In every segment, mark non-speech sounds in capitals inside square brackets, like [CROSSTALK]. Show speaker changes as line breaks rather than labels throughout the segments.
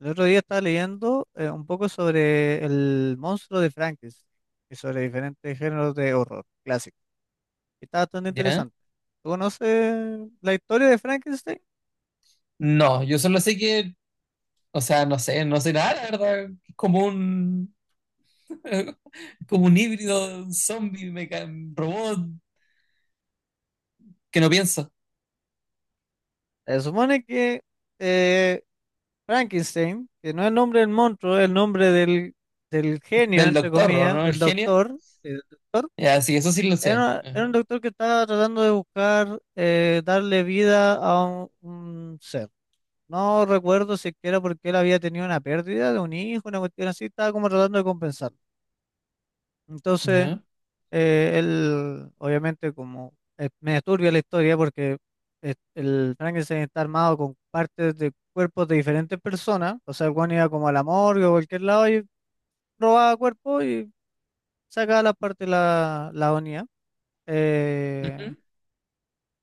El otro día estaba leyendo un poco sobre el monstruo de Frankenstein y sobre diferentes géneros de horror clásico. Y está bastante
¿Ya?
interesante. ¿Tú conoces la historia de Frankenstein?
No, yo solo sé que, o sea, no sé, no sé nada, la verdad. Es como un, [LAUGHS] como un híbrido zombie, robot que no piensa.
Se supone que eh, Frankenstein, que no es el nombre del monstruo, es el nombre del genio,
Del
entre
doctor, ¿o
comillas,
¿no? El
del
genio.
doctor, eh, del doctor
Ya, sí, eso sí lo sé.
era
Ajá.
un doctor que estaba tratando de buscar darle vida a un ser. No recuerdo si es que era porque él había tenido una pérdida de un hijo, una cuestión así, estaba como tratando de compensarlo. Entonces,
¿Ya?
él, obviamente, como me turbia la historia porque el Frankenstein está armado con partes de cuerpos de diferentes personas, o sea, el weón iba como a la morgue o a cualquier lado y robaba cuerpos y sacaba las partes la unía. Eh,
Ujú.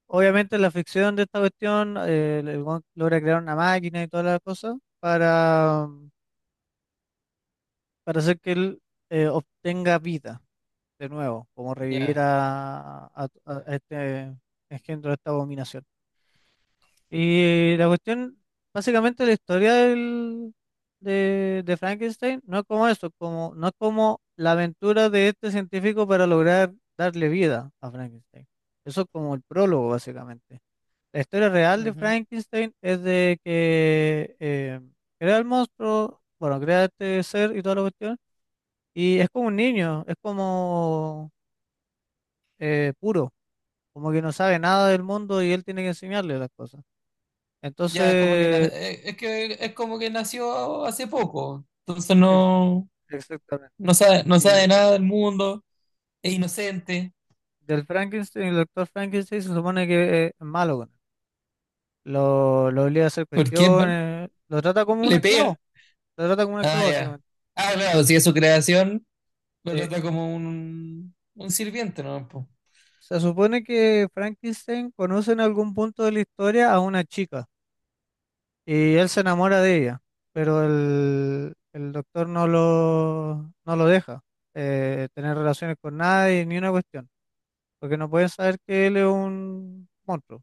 Obviamente, en la ficción de esta cuestión, el weón logra crear una máquina y todas las cosas para hacer que él obtenga vida de nuevo, como revivir
Ya.
a este engendro de esta abominación. Y la cuestión, básicamente la historia de Frankenstein no es como eso, como, no es como la aventura de este científico para lograr darle vida a Frankenstein. Eso es como el prólogo, básicamente. La historia real de
Ujú.
Frankenstein es de que crea el monstruo, bueno, crea este ser y toda la cuestión. Y es como un niño, es como puro, como que no sabe nada del mundo y él tiene que enseñarle las cosas.
Ya, es como que,
Entonces,
es que es como que nació hace poco. Entonces
ex-
no,
exactamente.
no sabe
Y
nada del mundo. Es inocente.
del Frankenstein, el doctor Frankenstein se supone que es malo con él. Lo obliga a hacer
¿Por qué? ¿Vale?
cuestiones, lo trata como un
Le pega.
esclavo, lo trata como un
Ah,
esclavo
ya.
básicamente.
Ah, claro, si es su creación. Lo
Eh,
trata como un sirviente, ¿no? Po.
Se supone que Frankenstein conoce en algún punto de la historia a una chica. Y él se enamora de ella, pero el doctor no lo deja tener relaciones con nadie ni una cuestión, porque no pueden saber que él es un monstruo,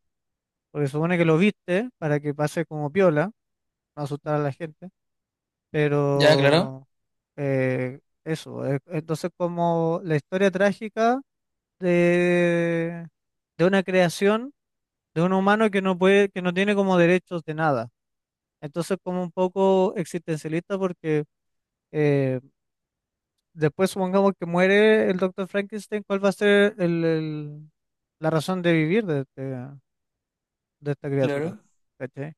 porque supone que lo viste para que pase como piola, no asustar a la gente,
Ya, claro,
pero entonces como la historia trágica de, de una creación de un humano que no puede, que no tiene como derechos de nada. Entonces, como un poco existencialista, porque eh, después supongamos que muere el doctor Frankenstein, ¿cuál va a ser la razón de vivir de esta criatura?
claro.
¿Cachai?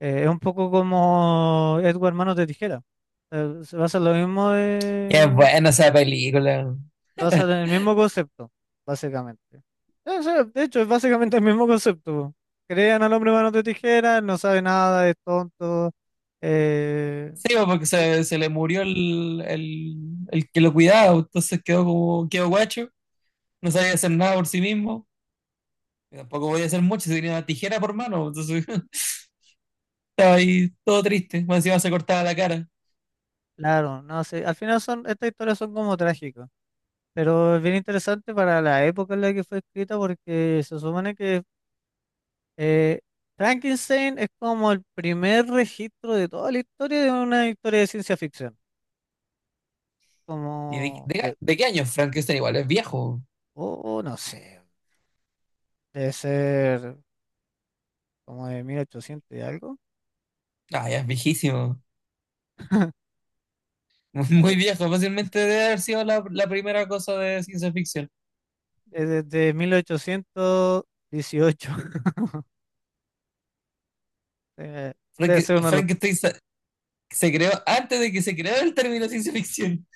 Es un poco como Edward Manos de Tijera. Se basa en lo mismo
Qué es buena esa película.
se basa en
[LAUGHS]
el mismo concepto, básicamente. Sí, de hecho, es básicamente el mismo concepto. Crean al hombre Manos de Tijera, no sabe nada, es tonto. eh,
Sí, po, porque se le murió el que lo cuidaba, entonces quedó como, quedó guacho, no sabía hacer nada por sí mismo, y tampoco podía hacer mucho, se tenía una tijera por mano, entonces [LAUGHS] estaba ahí todo triste, más encima se cortaba la cara.
Claro, no sé, al final son, estas historias son como trágicas, pero es bien interesante para la época en la que fue escrita porque se supone que eh, Frankenstein es como el primer registro de toda la historia de una historia de ciencia ficción,
¿Y
como de,
de qué año es Frankenstein? Igual es viejo.
oh, no sé, debe ser como de 1800 y algo,
Ah, ya es viejísimo.
[LAUGHS]
[LAUGHS] Muy
de-
viejo, fácilmente debe haber sido la, la primera cosa de ciencia ficción.
es desde 1818, [LAUGHS] eh, debe ser uno de los,
Frankenstein se creó antes de que se creara el término ciencia ficción.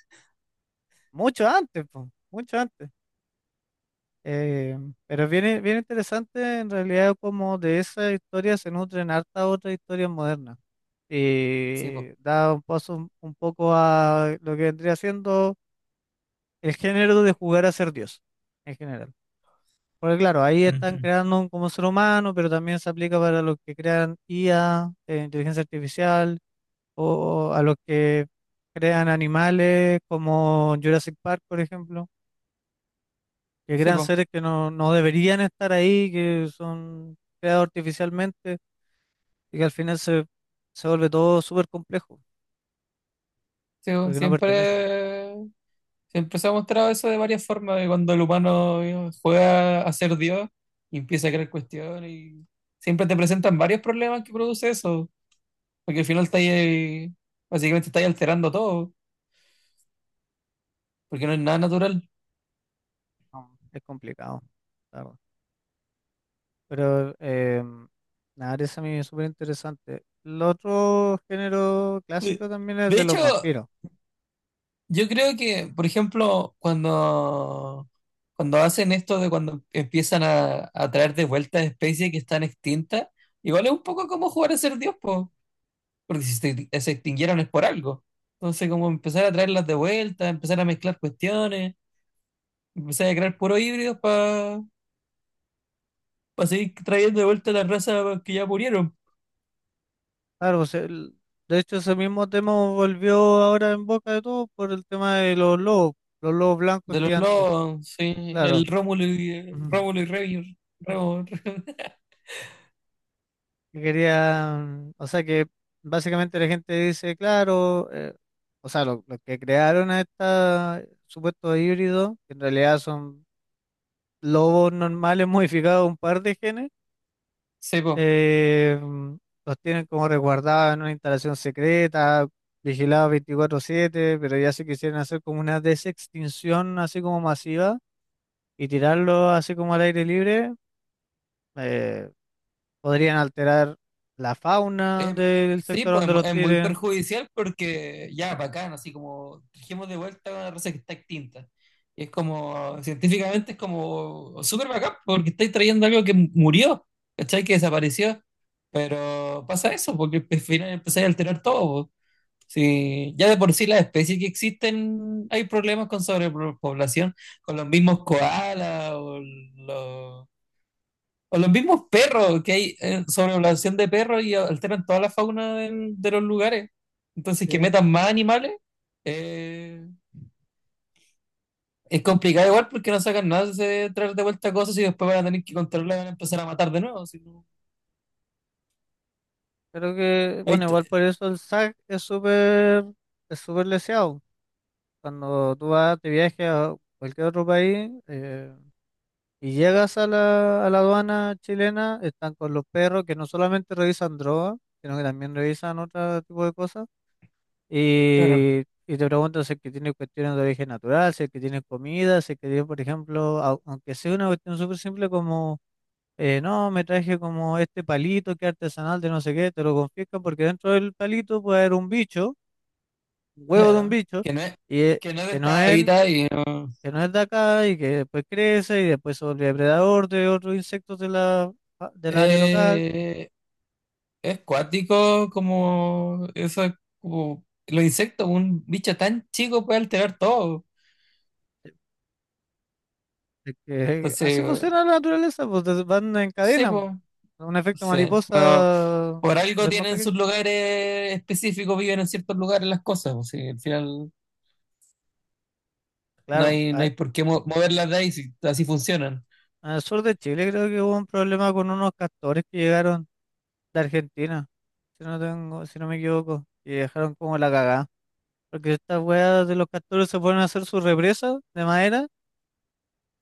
mucho antes, po, mucho antes. Eh, pero es bien, bien interesante en realidad como de esa historia se nutren hartas otras historias modernas
Sí, po.
y da un paso un poco a lo que vendría siendo el género de jugar a ser Dios en general. Porque claro, ahí están
Ujú.
creando un como ser humano, pero también se aplica para los que crean IA, inteligencia artificial, o a los que crean animales como Jurassic Park, por ejemplo que
Sí,
crean
po.
seres que no deberían estar ahí, que son creados artificialmente y que al final se vuelve todo súper complejo
Sí, po.
porque no pertenecen.
Siempre, siempre se ha mostrado eso de varias formas, de cuando el humano juega a ser Dios y empieza a crear cuestiones y siempre te presentan varios problemas que produce eso, porque al final está ahí, básicamente está ahí alterando todo, porque no es nada natural.
No, es complicado, la verdad. Pero nada, eso a mí es súper interesante. El otro género
De
clásico también es
de
de
hecho,
los vampiros.
yo creo que, por ejemplo, cuando, cuando hacen esto de cuando empiezan a traer de vuelta especies que están extintas, igual es un poco como jugar a ser Dios, po, porque si se, se extinguieron es por algo. Entonces, como empezar a traerlas de vuelta, empezar a mezclar cuestiones, empezar a crear puros híbridos para seguir trayendo de vuelta las razas que ya murieron.
Claro, pues, de hecho ese mismo tema volvió ahora en boca de todos por el tema de los lobos blancos
De los
gigantes.
lobos, sí,
Claro. Ujú.
Rómulo y Remo,
[LAUGHS]
Remo. [LAUGHS]
Que querían, o sea que básicamente la gente dice, claro, o sea, los que crearon a estos supuestos híbridos, que en realidad son lobos normales [LAUGHS] modificados un par de genes,
Sí, po.
eh, los tienen como resguardados en una instalación secreta, vigilados 24/7, pero ya se quisieran hacer como una desextinción así como masiva y tirarlos así como al aire libre, eh, podrían alterar la fauna
Eh,
del
sí,
sector
pues es,
donde los
es muy
tiren.
perjudicial porque ya, bacán, así como trajimos de vuelta una raza que está extinta. Y es como, científicamente es como súper bacán porque estáis trayendo algo que murió, ¿cachai? Que desapareció. Pero pasa eso, porque al final empezáis a alterar todo, po. Sí, ya de por sí las especies que existen, hay problemas con sobrepoblación, con los mismos koalas los o los mismos perros, que hay sobrepoblación de perros y alteran toda la fauna de los lugares. Entonces, que
Sí,
metan más animales, eh, es complicado igual porque no sacan nada de traer de vuelta cosas y después van a tener que controlarla y van a empezar a matar de nuevo. Si
creo que,
Ahí
bueno, igual
te-
por eso el SAC es súper leseado. Cuando tú vas de viaje a cualquier otro país y llegas a la aduana chilena, están con los perros que no solamente revisan droga, sino que también revisan otro tipo de cosas.
Claro,
Y te preguntan si es que tiene cuestiones de origen natural, si es que tiene comida, si es que tiene, por ejemplo, aunque sea una cuestión súper simple como no, me traje como este palito que es artesanal de no sé qué, te lo confiscan porque dentro del palito puede haber un bicho, un huevo de un
claro.
bicho, y
Que no es de
que no
esta
es,
vida y no.
que no es de acá y que después crece y después se vuelve depredador de otros insectos de del área local.
Eh, es cuático como eso es como los insectos, un bicho tan chico puede alterar todo.
Es que así
Entonces,
funciona la naturaleza, pues van en
sí,
cadena, pues. Un efecto
sí, pero
mariposa
por
es
algo
el más
tienen
pequeño.
sus lugares específicos, viven en ciertos lugares las cosas, pues, sí, al final no
Claro,
hay, no hay por qué moverlas de ahí si así funcionan.
al sur de Chile creo que hubo un problema con unos castores que llegaron de Argentina. Si no me equivoco, y dejaron como la cagada. Porque estas weas de los castores se ponen a hacer su represa de madera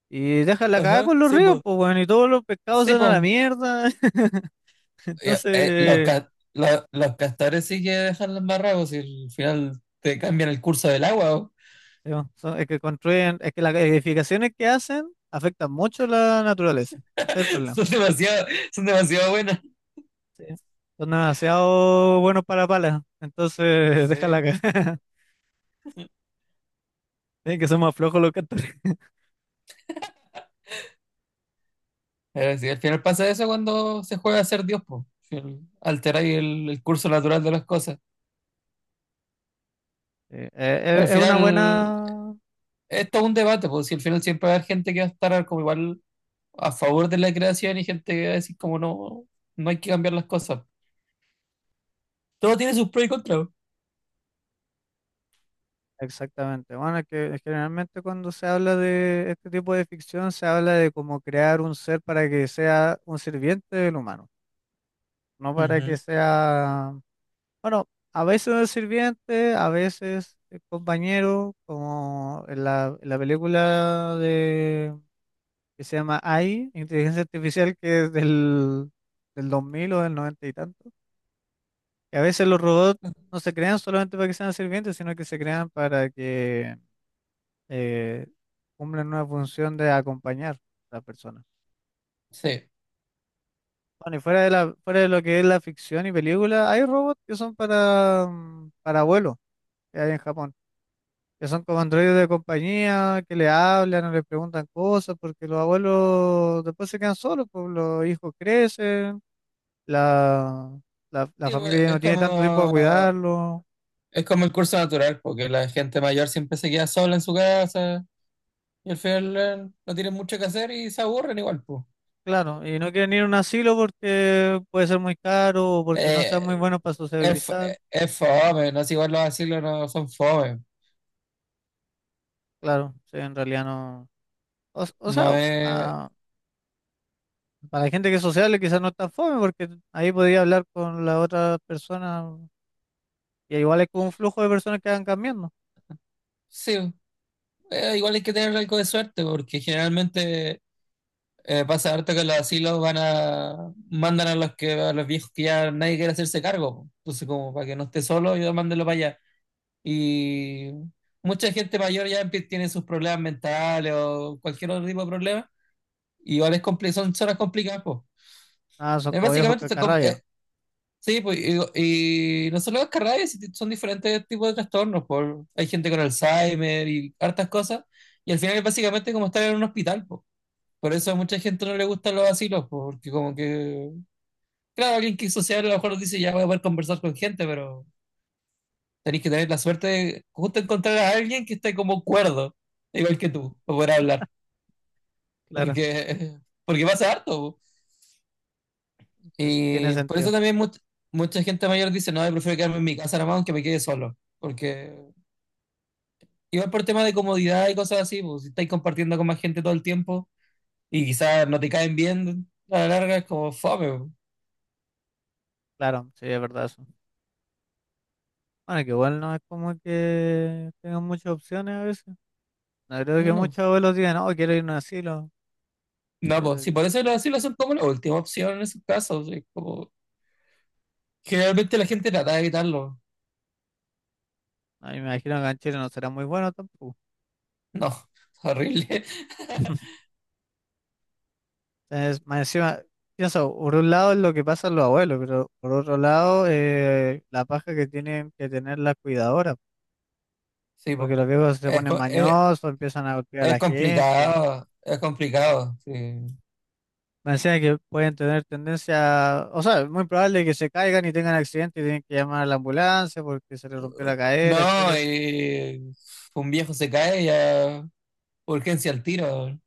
y dejan la cagada
Ajá,
con los
sí,
ríos,
pues.
pues bueno, y todos los pescados se
Sí,
van a la
pues.
mierda. [LAUGHS]
Ya, los,
Entonces,
los castores sí que dejan las barracos y al final te cambian el curso del agua, po.
sí, bueno, es que construyen, es que las edificaciones que hacen afectan mucho la naturaleza. Ese es el
[LAUGHS]
problema.
Son demasiado, son demasiado buenas.
Sí. Son demasiado buenos para palas, entonces [LAUGHS] dejan la
Sí.
cagada. [LAUGHS] Tienen que ser más flojos los castores. [LAUGHS]
Pero sí, al final pasa eso cuando se juega a ser Dios, pues. Alterar el curso natural de las cosas.
Sí,
Al
es una
final,
buena.
esto es un debate, porque si al final siempre va a haber gente que va a estar como igual a favor de la creación y gente que va a decir como no, no hay que cambiar las cosas. Todo tiene sus pros y contras.
Exactamente. Bueno, es que generalmente cuando se habla de este tipo de ficción se habla de cómo crear un ser para que sea un sirviente del humano, no para que
Ujú.
sea, bueno, a veces un sirviente, a veces el compañero, como en la película de que se llama AI, Inteligencia Artificial, que es del 2000 o del 90 y tanto, que a veces los robots no se crean solamente para que sean sirvientes, sino que se crean para que eh, cumplen una función de acompañar a la persona.
Sí.
Bueno, y fuera de fuera de lo que es la ficción y película, hay robots que son para, para abuelos, que hay en Japón, que son como androides de compañía, que le hablan o le preguntan cosas, porque los abuelos después se quedan solos, pues los hijos crecen, la, la
Sí,
familia
pues,
ya no tiene tanto tiempo para cuidarlo.
es como el curso natural, porque la gente mayor siempre se queda sola en su casa y al final no tienen mucho que hacer y se aburren igual, pues.
Claro, y no quieren ir a un asilo porque puede ser muy caro o porque no sean muy
Eh,
buenos para
es,
sociabilizar.
es fome, no es igual los asilos no son fome.
Claro, sí, en realidad no. O
No
sea,
es.
ah, para la gente que es sociable quizás no es tan fome porque ahí podría hablar con la otra persona, y igual es como un flujo de personas que van cambiando.
Sí, igual hay que tener algo de suerte, porque generalmente eh, pasa harto que los asilos van a mandan a los que a los viejos que ya nadie quiere hacerse cargo, po. Entonces, como para que no esté solo, yo mándenlo para allá. Y mucha gente mayor ya tiene sus problemas mentales o cualquier otro tipo de problema. Y igual es son zonas complicadas, pues.
Ah, son como viejos
Básicamente, está
cacarrabia.
sí, pues, y no solo las carreras, son diferentes tipos de trastornos. Por, hay gente con Alzheimer y hartas cosas. Y al final es básicamente como estar en un hospital, pues. Por eso a mucha gente no le gustan los asilos, po, porque como que claro, alguien que es social a lo mejor dice, ya voy a poder conversar con gente, pero tenés que tener la suerte de justo encontrar a alguien que esté como cuerdo, igual que tú, para poder hablar.
Claro,
Porque, porque pasa harto, po.
tiene
Y por eso
sentido.
también mucha gente mayor dice, no, yo prefiero quedarme en mi casa nomás aunque me quede solo. Porque igual por tema de comodidad y cosas así, pues si estáis compartiendo con más gente todo el tiempo y quizás no te caen bien, a la larga es como fome, po.
Claro, sí, es verdad eso. Bueno, que igual no es como que tengan muchas opciones a veces. No creo que
No.
muchos abuelos digan, no, quiero ir a un asilo.
No,
Yo
pues
creo
si
que
por eso lo, así lo hacen como la última opción en esos casos, es como generalmente la gente trata de evitarlo.
no, y me imagino que en Chile no será muy bueno tampoco.
No, [LAUGHS] es horrible.
Es, más encima, pienso, por un lado es lo que pasa a los abuelos, pero por otro lado, la paja que tienen que tener las cuidadoras,
Sí,
porque
po.
los viejos se
Es,
ponen mañosos, empiezan a golpear a
es
la gente.
complicado, es complicado, sí.
Me decía que pueden tener tendencia, o sea, es muy probable que se caigan y tengan accidente y tienen que llamar a la ambulancia porque se les rompió la cadera,
No,
etcétera.
y un viejo se cae y a urgencia al tiro.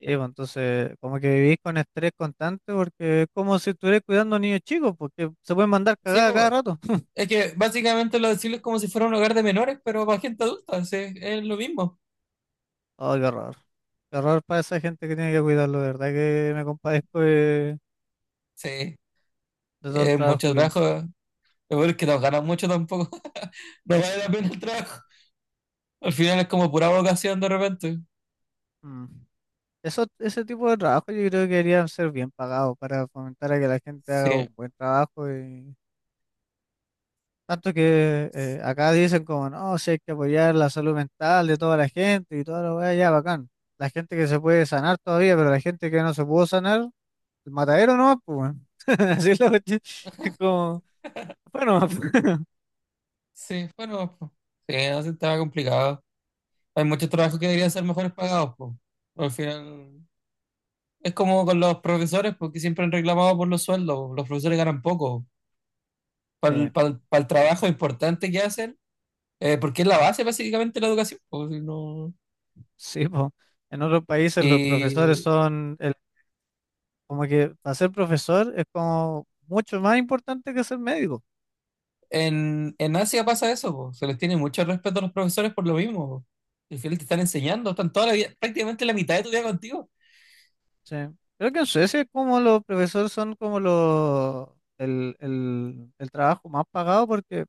Y bueno, entonces, como que vivís con estrés constante porque es como si estuvieras cuidando a niños chicos, porque se pueden mandar
Sí,
cagadas
po.
cada rato.
Es que básicamente los asilos es como si fuera un hogar de menores, pero para gente adulta, sí, es lo mismo.
Oh, qué horror. Qué horror para esa gente que tiene que cuidarlo, de verdad que me compadezco de,
Sí,
de todo el
es
trabajo
mucho
que.
trabajo. Lo peor es bueno que no ganan mucho tampoco. [LAUGHS] No vale la pena el trabajo. Al final es como pura vocación de repente.
Mm. Eso, ese tipo de trabajo yo creo que deberían ser bien pagados para fomentar a que la gente haga
Sí.
un buen trabajo y tanto que acá dicen como no, si hay que apoyar la salud mental de toda la gente y toda la weá, ya bacán. La gente que se puede sanar todavía, pero la gente que no se pudo sanar, el matadero no, pues weón. [LAUGHS] Así es la cuestión. Es como, bueno, [LAUGHS]
Sí, bueno, pues, sí, no, sí, estaba complicado. Hay muchos trabajos que deberían ser mejores pagados, pues. Al final, es como con los profesores, porque siempre han reclamado por los sueldos. Los profesores ganan poco. Para
sí.
el, para el trabajo importante que hacen, porque es la base básicamente de la educación, po,
Sí, po. En otros países los profesores
y
son, como que para ser profesor es como mucho más importante que ser médico.
en Asia pasa eso, po, se les tiene mucho respeto a los profesores por lo mismo, po. Al final te están enseñando, están toda la vida, prácticamente la mitad de tu vida contigo.
Sí. Creo que en Suecia es como los profesores son como los, el trabajo más pagado porque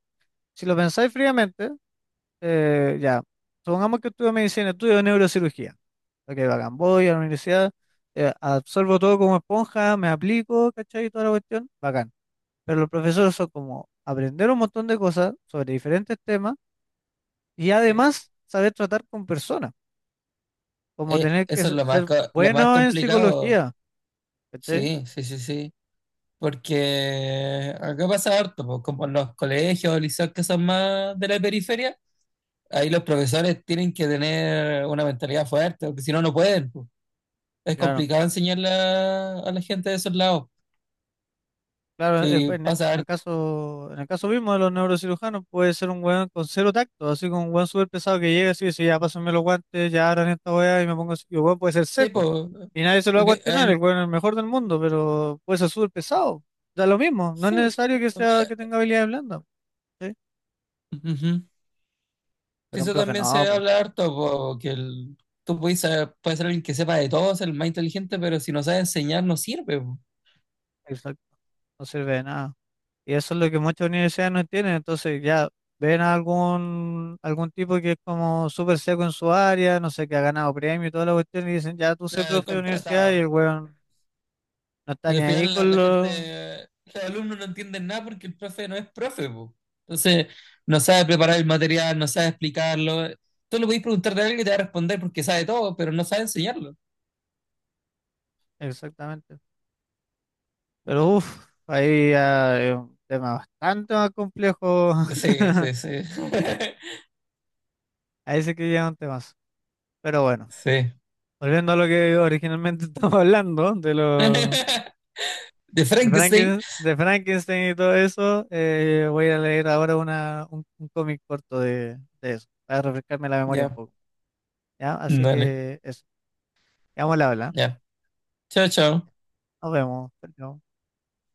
si lo pensáis fríamente, ya, supongamos que estudio medicina, estudio neurocirugía. Ok, bacán, voy a la universidad, absorbo todo como esponja, me aplico, ¿cachai? Y toda la cuestión, bacán. Pero los profesores son como aprender un montón de cosas sobre diferentes temas. Y
Sí.
además, saber tratar con personas, como tener que
Eso es lo más,
ser
lo más
bueno en
complicado.
psicología, ¿cachai?
Sí, sí. Porque acá pasa harto, pues, como en los colegios o liceos que son más de la periferia, ahí los profesores tienen que tener una mentalidad fuerte, porque si no, no pueden, pues. Es
Claro,
complicado enseñarle a la gente de esos lados.
claro, pues,
Sí,
en
pasa harto.
en el caso mismo de los neurocirujanos, puede ser un weón con cero tacto, así como un weón súper pesado que llega así y dice, "Sí, ya pásenme los guantes, ya abran esta weá y me pongo así", y el weón puede ser
Sí,
seco,
pues.
y nadie se lo va a
Porque,
cuestionar, el weón es el mejor del mundo, pero puede ser súper pesado, da lo mismo, no es
sí,
necesario que sea,
pues,
que tenga habilidades blandas, ¿cachai?
ujú. Sí,
Pero un
eso
profe
también
no,
se
pues,
habla harto, po, tú puedes ser alguien que sepa de todo, ser el más inteligente, pero si no sabes enseñar, no sirve, po.
exacto, no sirve de nada. Y eso es lo que muchas universidades no entienden. Entonces ya ven a algún tipo que es como súper seco en su área, no sé, que ha ganado premio y toda la cuestión, y dicen, ya tú
O
sé
sea,
profe de universidad y
contratado.
el weón no está
Y
ni
al
ahí
final la,
con
la
lo...
gente, los alumnos no entienden nada porque el profe no es profe, po. Entonces, no sabe preparar el material, no sabe explicarlo. Tú le podés preguntar de alguien que te va a responder porque sabe todo, pero no sabe enseñarlo.
Exactamente. Pero uff, ahí ya es un tema bastante más complejo. [LAUGHS]
Sí, sí. [LAUGHS]
Ahí sí que llegan temas. Pero bueno,
Sí.
volviendo a lo que originalmente [LAUGHS] estamos hablando, de los...
[LAUGHS] De
De
Frankenstein.
De Frankenstein y todo eso, voy a leer ahora un cómic corto de eso, para refrescarme la memoria un
Ya,
poco. ¿Ya? Así
dale.
que eso. Quedamos al habla, ¿ah?
Ya. Chao, chao.
Nos vemos. Chao, chao.